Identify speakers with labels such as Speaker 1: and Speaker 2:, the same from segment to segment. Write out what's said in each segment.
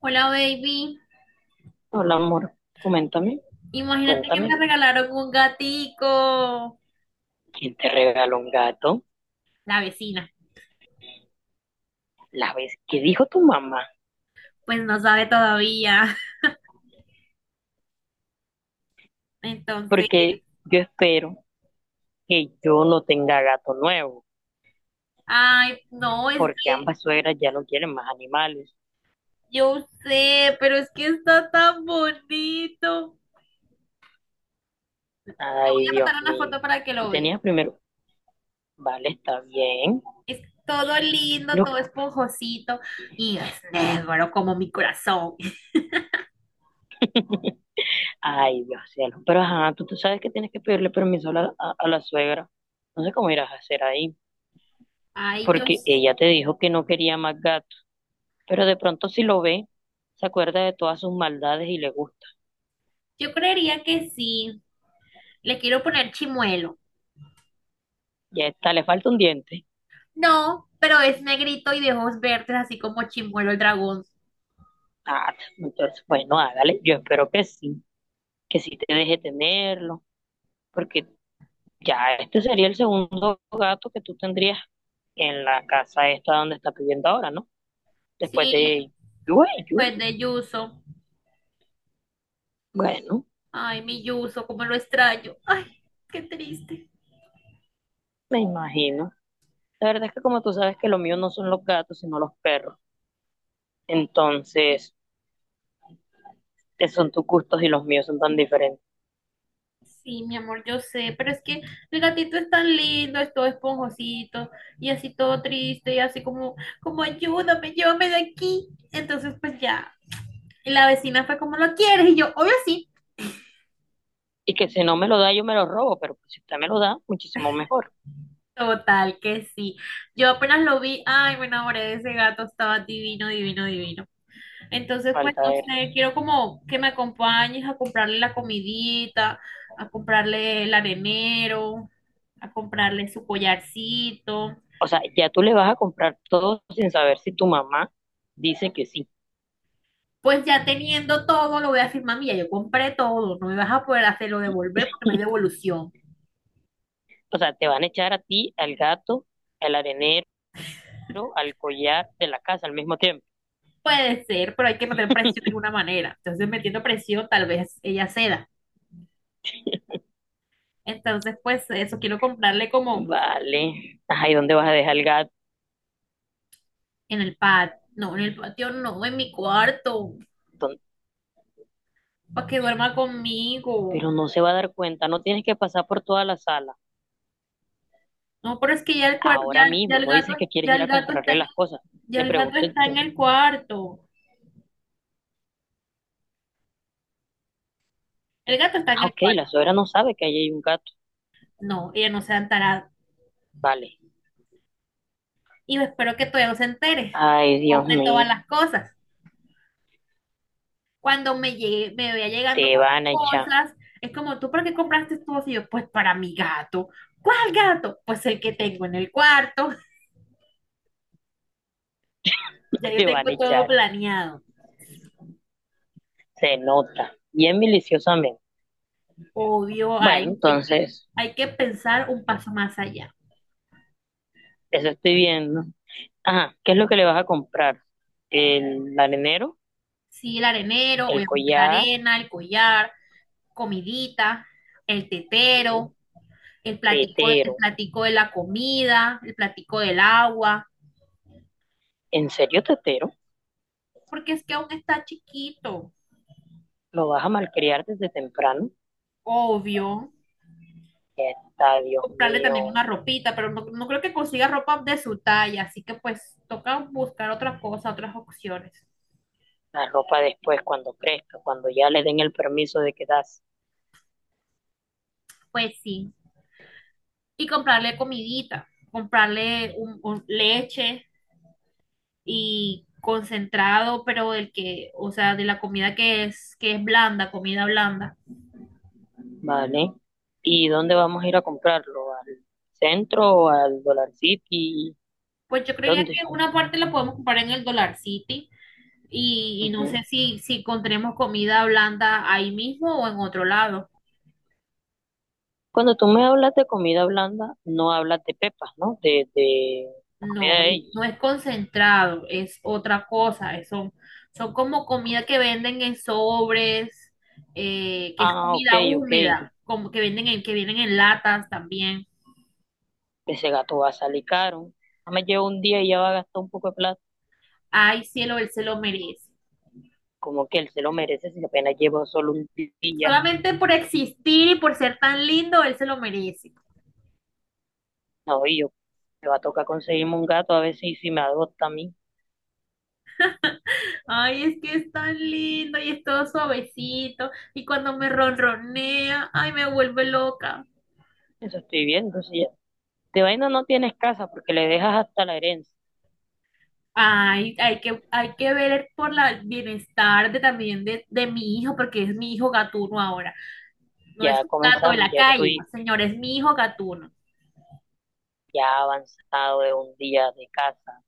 Speaker 1: Hola, baby.
Speaker 2: Hola, amor. Coméntame,
Speaker 1: Imagínate que
Speaker 2: cuéntame.
Speaker 1: me regalaron un gatico.
Speaker 2: ¿Quién te regaló un gato?
Speaker 1: La vecina,
Speaker 2: La vez que dijo tu mamá.
Speaker 1: pues no sabe todavía. Entonces,
Speaker 2: Porque yo espero que yo no tenga gato nuevo.
Speaker 1: ay, no, es
Speaker 2: Porque
Speaker 1: que
Speaker 2: ambas suegras ya no quieren más animales.
Speaker 1: yo sé, pero es que está tan bonito. Te voy
Speaker 2: Ay,
Speaker 1: a
Speaker 2: Dios
Speaker 1: mandar una
Speaker 2: mío.
Speaker 1: foto para que
Speaker 2: Tú
Speaker 1: lo veas.
Speaker 2: tenías primero. Vale, está bien.
Speaker 1: Es todo lindo,
Speaker 2: Lo-
Speaker 1: todo esponjosito y es negro como mi corazón.
Speaker 2: Ay, Dios cielo. Pero ajá, tú sabes que tienes que pedirle permiso a la suegra. No sé cómo irás a hacer ahí.
Speaker 1: Ay, yo,
Speaker 2: Porque ella te dijo que no quería más gatos, pero de pronto si lo ve, se acuerda de todas sus maldades y le gusta.
Speaker 1: yo creería que sí. Le quiero poner chimuelo.
Speaker 2: Ya está, le falta un diente.
Speaker 1: No, pero es negrito y de ojos verdes, así como Chimuelo el dragón.
Speaker 2: Ah, entonces, bueno, hágale. Yo espero que sí te deje tenerlo, porque ya este sería el segundo gato que tú tendrías en la casa esta donde estás viviendo ahora, ¿no? Después
Speaker 1: Sí,
Speaker 2: de Yue
Speaker 1: pues
Speaker 2: Yusi.
Speaker 1: de Yuso.
Speaker 2: Bueno,
Speaker 1: Ay, mi Yuso, cómo lo extraño. Ay, qué triste.
Speaker 2: me imagino. La verdad es que como tú sabes que lo mío no son los gatos, sino los perros. Entonces, esos son tus gustos y los míos son tan diferentes.
Speaker 1: Sí, mi amor, yo sé, pero es que el gatito es tan lindo, es todo esponjosito y así todo triste y así como, como ayúdame, llévame de aquí. Entonces, pues ya, y la vecina fue como, ¿lo quieres? Y yo, obvio sí.
Speaker 2: Y que si no me lo da, yo me lo robo, pero pues, si usted me lo da, muchísimo mejor.
Speaker 1: Total, que sí. Yo apenas lo vi, ay, me enamoré de ese gato, estaba divino, divino, divino. Entonces, pues,
Speaker 2: Falta
Speaker 1: no
Speaker 2: ver.
Speaker 1: sé, quiero como que me acompañes a comprarle la comidita, a comprarle el arenero, a comprarle su collarcito.
Speaker 2: O sea, ya tú le vas a comprar todo sin saber si tu mamá dice que sí.
Speaker 1: Pues ya teniendo todo, lo voy a decir, mami, ya yo compré todo, no me vas a poder hacerlo devolver porque no hay devolución.
Speaker 2: O sea, te van a echar a ti, al gato, al arenero, al collar de la casa al mismo tiempo.
Speaker 1: Puede ser, pero hay que meter presión de alguna manera. Entonces, metiendo presión, tal vez ella ceda. Entonces, pues, eso quiero comprarle como
Speaker 2: Vale. Ajá, ¿y dónde vas a dejar el gato?
Speaker 1: en el patio, no, en el patio no, en mi cuarto, para que duerma conmigo.
Speaker 2: Pero no se va a dar cuenta, no tienes que pasar por toda la sala.
Speaker 1: No, pero es que ya el cuar-
Speaker 2: Ahora
Speaker 1: ya, ya
Speaker 2: mismo,
Speaker 1: el
Speaker 2: no
Speaker 1: gato,
Speaker 2: dices que quieres
Speaker 1: ya
Speaker 2: ir
Speaker 1: el
Speaker 2: a
Speaker 1: gato está
Speaker 2: comprarle
Speaker 1: en,
Speaker 2: las cosas.
Speaker 1: ya
Speaker 2: Te
Speaker 1: el gato
Speaker 2: pregunto,
Speaker 1: está en el cuarto. El gato está en
Speaker 2: ah,
Speaker 1: el
Speaker 2: ok,
Speaker 1: cuarto.
Speaker 2: la suegra no sabe que ahí hay un gato.
Speaker 1: No, ella no se ha enterado.
Speaker 2: Vale.
Speaker 1: Y yo espero que todavía no se entere.
Speaker 2: Ay, Dios
Speaker 1: Compré todas
Speaker 2: mío.
Speaker 1: las cosas. Cuando me llegue, me vea llegando
Speaker 2: Te
Speaker 1: con
Speaker 2: van a
Speaker 1: las
Speaker 2: echar.
Speaker 1: cosas, es como, ¿tú para qué compraste todo? Y yo, pues para mi gato. ¿Cuál gato? Pues el que tengo en el cuarto. Ya yo
Speaker 2: Te van a
Speaker 1: tengo todo
Speaker 2: echar,
Speaker 1: planeado.
Speaker 2: se nota, bien miliciosamente.
Speaker 1: Obvio,
Speaker 2: Bueno,
Speaker 1: hay, hay que,
Speaker 2: entonces,
Speaker 1: hay que pensar un paso más allá.
Speaker 2: eso estoy viendo. Ajá, ¿qué es lo que le vas a comprar? El arenero,
Speaker 1: Sí, el arenero,
Speaker 2: el
Speaker 1: obviamente la
Speaker 2: collar,
Speaker 1: arena, el collar. Comidita, el
Speaker 2: sí,
Speaker 1: tetero, el
Speaker 2: tetero.
Speaker 1: platico de la comida, el platico del agua,
Speaker 2: ¿En serio, tetero?
Speaker 1: porque es que aún está chiquito,
Speaker 2: ¿Lo vas a malcriar desde temprano?
Speaker 1: obvio.
Speaker 2: Está, Dios
Speaker 1: Comprarle también
Speaker 2: mío.
Speaker 1: una ropita, pero no, no creo que consiga ropa de su talla, así que pues toca buscar otra cosa, otras opciones.
Speaker 2: La ropa después, cuando crezca, cuando ya le den el permiso de quedarse,
Speaker 1: Pues sí, y comprarle comidita, comprarle un leche y concentrado, pero del que, o sea, de la comida que es blanda, comida blanda.
Speaker 2: ¿vale? ¿Y dónde vamos a ir a comprarlo? ¿Al centro o al Dollar City?
Speaker 1: Pues yo creería
Speaker 2: ¿Dónde?
Speaker 1: que una parte la podemos comprar en el Dollar City y no sé
Speaker 2: Ujú.
Speaker 1: si, si encontremos comida blanda ahí mismo o en otro lado.
Speaker 2: Cuando tú me hablas de comida blanda, no hablas de pepas, ¿no? De la comida
Speaker 1: No,
Speaker 2: de ellos.
Speaker 1: no es concentrado, es otra cosa. Es- son, son como comida que venden en sobres, que es
Speaker 2: Ah, ok,
Speaker 1: comida
Speaker 2: ok.
Speaker 1: húmeda, como que venden en, que vienen en latas también.
Speaker 2: Ese gato va a salir caro. Nada más lleva un día y ya va a gastar un poco de plata.
Speaker 1: Ay, cielo, él se lo merece.
Speaker 2: Como que él se lo merece si apenas lleva solo un día.
Speaker 1: Solamente por existir y por ser tan lindo, él se lo merece.
Speaker 2: No, y yo me va a tocar conseguirme un gato a ver si me adopta a mí.
Speaker 1: Ay, es que es tan lindo y es todo suavecito. Y cuando me ronronea, ay, me vuelve loca.
Speaker 2: Eso estoy viendo. Si ya. De vaina no tienes casa porque le dejas hasta la herencia.
Speaker 1: Ay, hay que ver por la- el bienestar de, también de mi hijo, porque es mi hijo gatuno ahora. No es
Speaker 2: Ya
Speaker 1: un gato de
Speaker 2: comenzamos,
Speaker 1: la
Speaker 2: ya
Speaker 1: calle, no,
Speaker 2: estoy
Speaker 1: señor, es mi hijo gatuno.
Speaker 2: ya avanzado de un día de casa.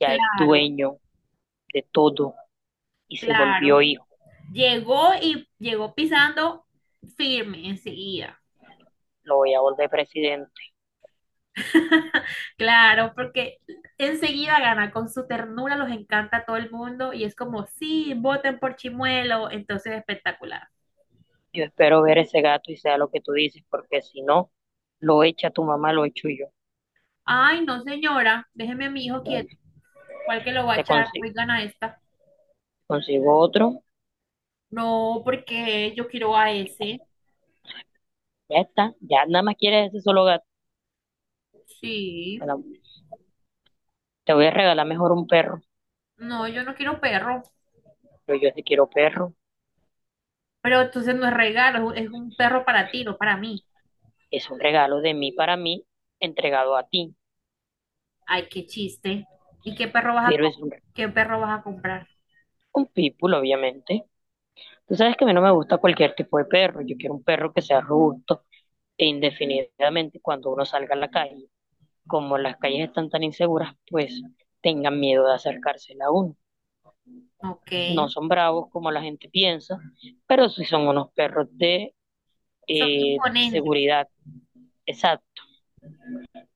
Speaker 2: Ya es
Speaker 1: Claro,
Speaker 2: dueño de todo y se
Speaker 1: claro.
Speaker 2: volvió hijo,
Speaker 1: Llegó y llegó pisando firme enseguida.
Speaker 2: lo voy a volver presidente.
Speaker 1: Claro, porque enseguida gana, con su ternura los encanta a todo el mundo y es como, sí, voten por Chimuelo, entonces espectacular.
Speaker 2: Yo espero ver ese gato y sea lo que tú dices, porque si no, lo echa tu mamá, lo echo yo.
Speaker 1: Ay, no, señora, déjeme a mi hijo quieto. ¿Cuál que lo va a
Speaker 2: Te
Speaker 1: echar?
Speaker 2: consigo,
Speaker 1: Hoy gana esta.
Speaker 2: consigo otro,
Speaker 1: No, porque yo quiero a ese.
Speaker 2: ya está, ya nada más quieres ese solo gato.
Speaker 1: Sí.
Speaker 2: Bueno, te voy a regalar mejor un perro,
Speaker 1: No, yo no quiero perro.
Speaker 2: pero yo sí quiero perro.
Speaker 1: Pero entonces no es regalo, es un perro para ti, no para mí.
Speaker 2: Es un regalo de mí para mí, entregado a ti,
Speaker 1: Ay, qué chiste. ¿Y qué perro vas a
Speaker 2: pero es
Speaker 1: com-
Speaker 2: un,
Speaker 1: ¿Qué perro vas a comprar?
Speaker 2: un pitbull, obviamente. Tú sabes que a mí no me gusta cualquier tipo de perro, yo quiero un perro que sea robusto e indefinidamente cuando uno salga a la calle, como las calles están tan inseguras, pues tengan miedo de acercársela a uno.
Speaker 1: Ok.
Speaker 2: No son bravos como la gente piensa, pero sí son unos perros de
Speaker 1: Son componentes.
Speaker 2: seguridad. Exacto.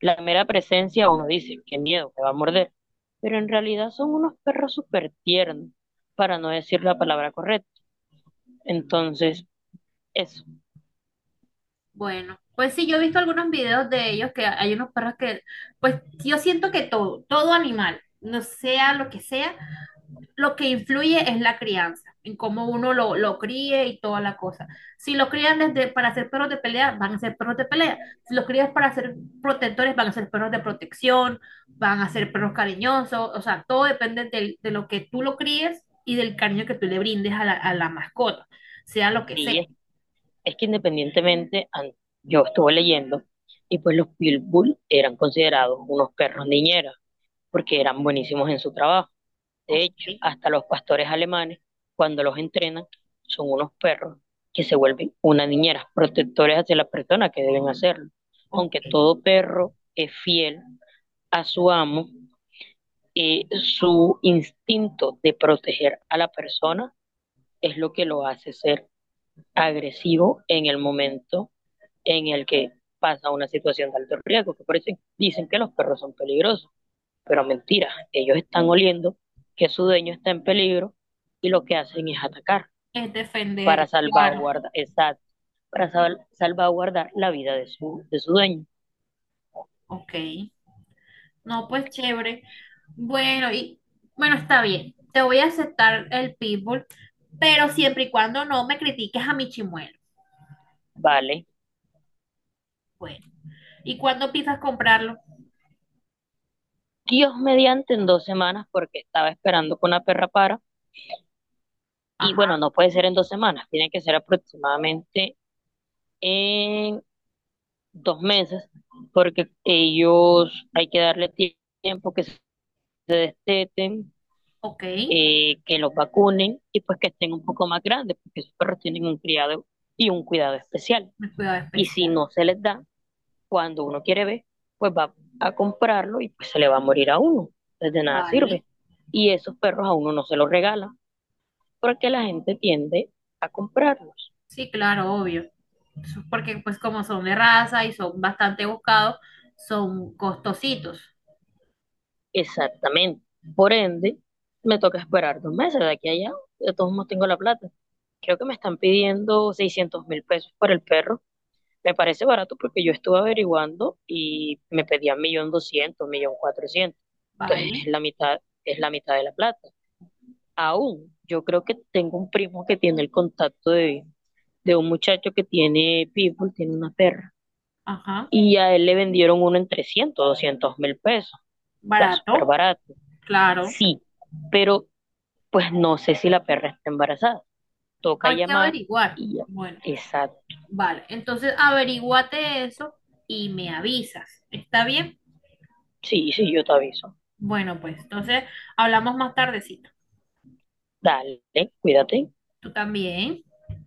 Speaker 2: La mera presencia uno dice, qué miedo, que va a morder. Pero en realidad son unos perros súper tiernos, para no decir la palabra correcta. Entonces, eso.
Speaker 1: Bueno, pues sí, yo he visto algunos videos de ellos que hay unos perros que, pues yo siento que todo, todo animal, no sea lo que sea, lo que influye es la crianza, en cómo uno lo críe y toda la cosa. Si lo crían desde para ser perros de pelea, van a ser perros de pelea. Si los crías para ser protectores, van a ser perros de protección, van a ser perros cariñosos, o sea, todo depende del- de lo que tú lo críes y del cariño que tú le brindes a la mascota, sea lo que sea.
Speaker 2: Sí, es que independientemente, yo estuve leyendo, y pues los Pitbull eran considerados unos perros niñeras, porque eran buenísimos en su trabajo. De
Speaker 1: Ok,
Speaker 2: hecho, hasta los pastores alemanes, cuando los entrenan, son unos perros que se vuelven una niñera protectores hacia las personas que deben hacerlo. Aunque
Speaker 1: ok.
Speaker 2: todo perro es fiel a su amo, su instinto de proteger a la persona es lo que lo hace ser agresivo en el momento en el que pasa una situación de alto riesgo. Que por eso dicen que los perros son peligrosos, pero mentira, ellos están oliendo que su dueño está en peligro y lo que hacen es atacar
Speaker 1: Es defender,
Speaker 2: para
Speaker 1: claro.
Speaker 2: salvaguardar, exacto, para salvaguardar la vida de su dueño.
Speaker 1: Ok. No, pues chévere. Bueno, y bueno, está bien. Te voy a aceptar el pitbull, pero siempre y cuando no me critiques a mi chimuelo.
Speaker 2: Vale.
Speaker 1: Bueno. ¿Y cuándo empiezas a comprarlo?
Speaker 2: Dios mediante en 2 semanas porque estaba esperando con la perra para. Y bueno,
Speaker 1: Ajá,
Speaker 2: no puede ser en 2 semanas, tiene que ser aproximadamente en 2 meses porque ellos hay que darle tiempo que se esteten,
Speaker 1: ok.
Speaker 2: que los vacunen y pues que estén un poco más grandes, porque esos perros tienen un criado y un cuidado especial.
Speaker 1: Mi cuidado
Speaker 2: Y si
Speaker 1: especial.
Speaker 2: no se les da, cuando uno quiere ver, pues va a comprarlo y pues se le va a morir a uno. Entonces de nada sirve.
Speaker 1: Vale.
Speaker 2: Y esos perros a uno no se los regala, porque la gente tiende a comprarlos.
Speaker 1: Sí, claro, obvio. Eso es porque pues como son de raza y son bastante buscados, son costositos.
Speaker 2: Exactamente. Por ende, me toca esperar 2 meses de aquí a allá. De todos modos tengo la plata. Creo que me están pidiendo $600.000 por el perro. Me parece barato porque yo estuve averiguando y me pedían 1.200.000, 1.400.000. Entonces
Speaker 1: Vale.
Speaker 2: es la mitad de la plata. Aún, yo creo que tengo un primo que tiene el contacto de un muchacho que tiene pitbull, tiene una perra,
Speaker 1: Ajá.
Speaker 2: y a él le vendieron uno en 300.200.000 pesos. Está súper
Speaker 1: Barato.
Speaker 2: barato.
Speaker 1: Claro.
Speaker 2: Sí, pero pues no sé si la perra está embarazada. Toca
Speaker 1: Hay que
Speaker 2: llamar
Speaker 1: averiguar.
Speaker 2: y ya.
Speaker 1: Bueno.
Speaker 2: Exacto.
Speaker 1: Vale, entonces averíguate eso y me avisas. ¿Está bien?
Speaker 2: Sí, sí, yo te aviso.
Speaker 1: Bueno, pues entonces hablamos más tardecito.
Speaker 2: Dale, cuídate.
Speaker 1: Tú también.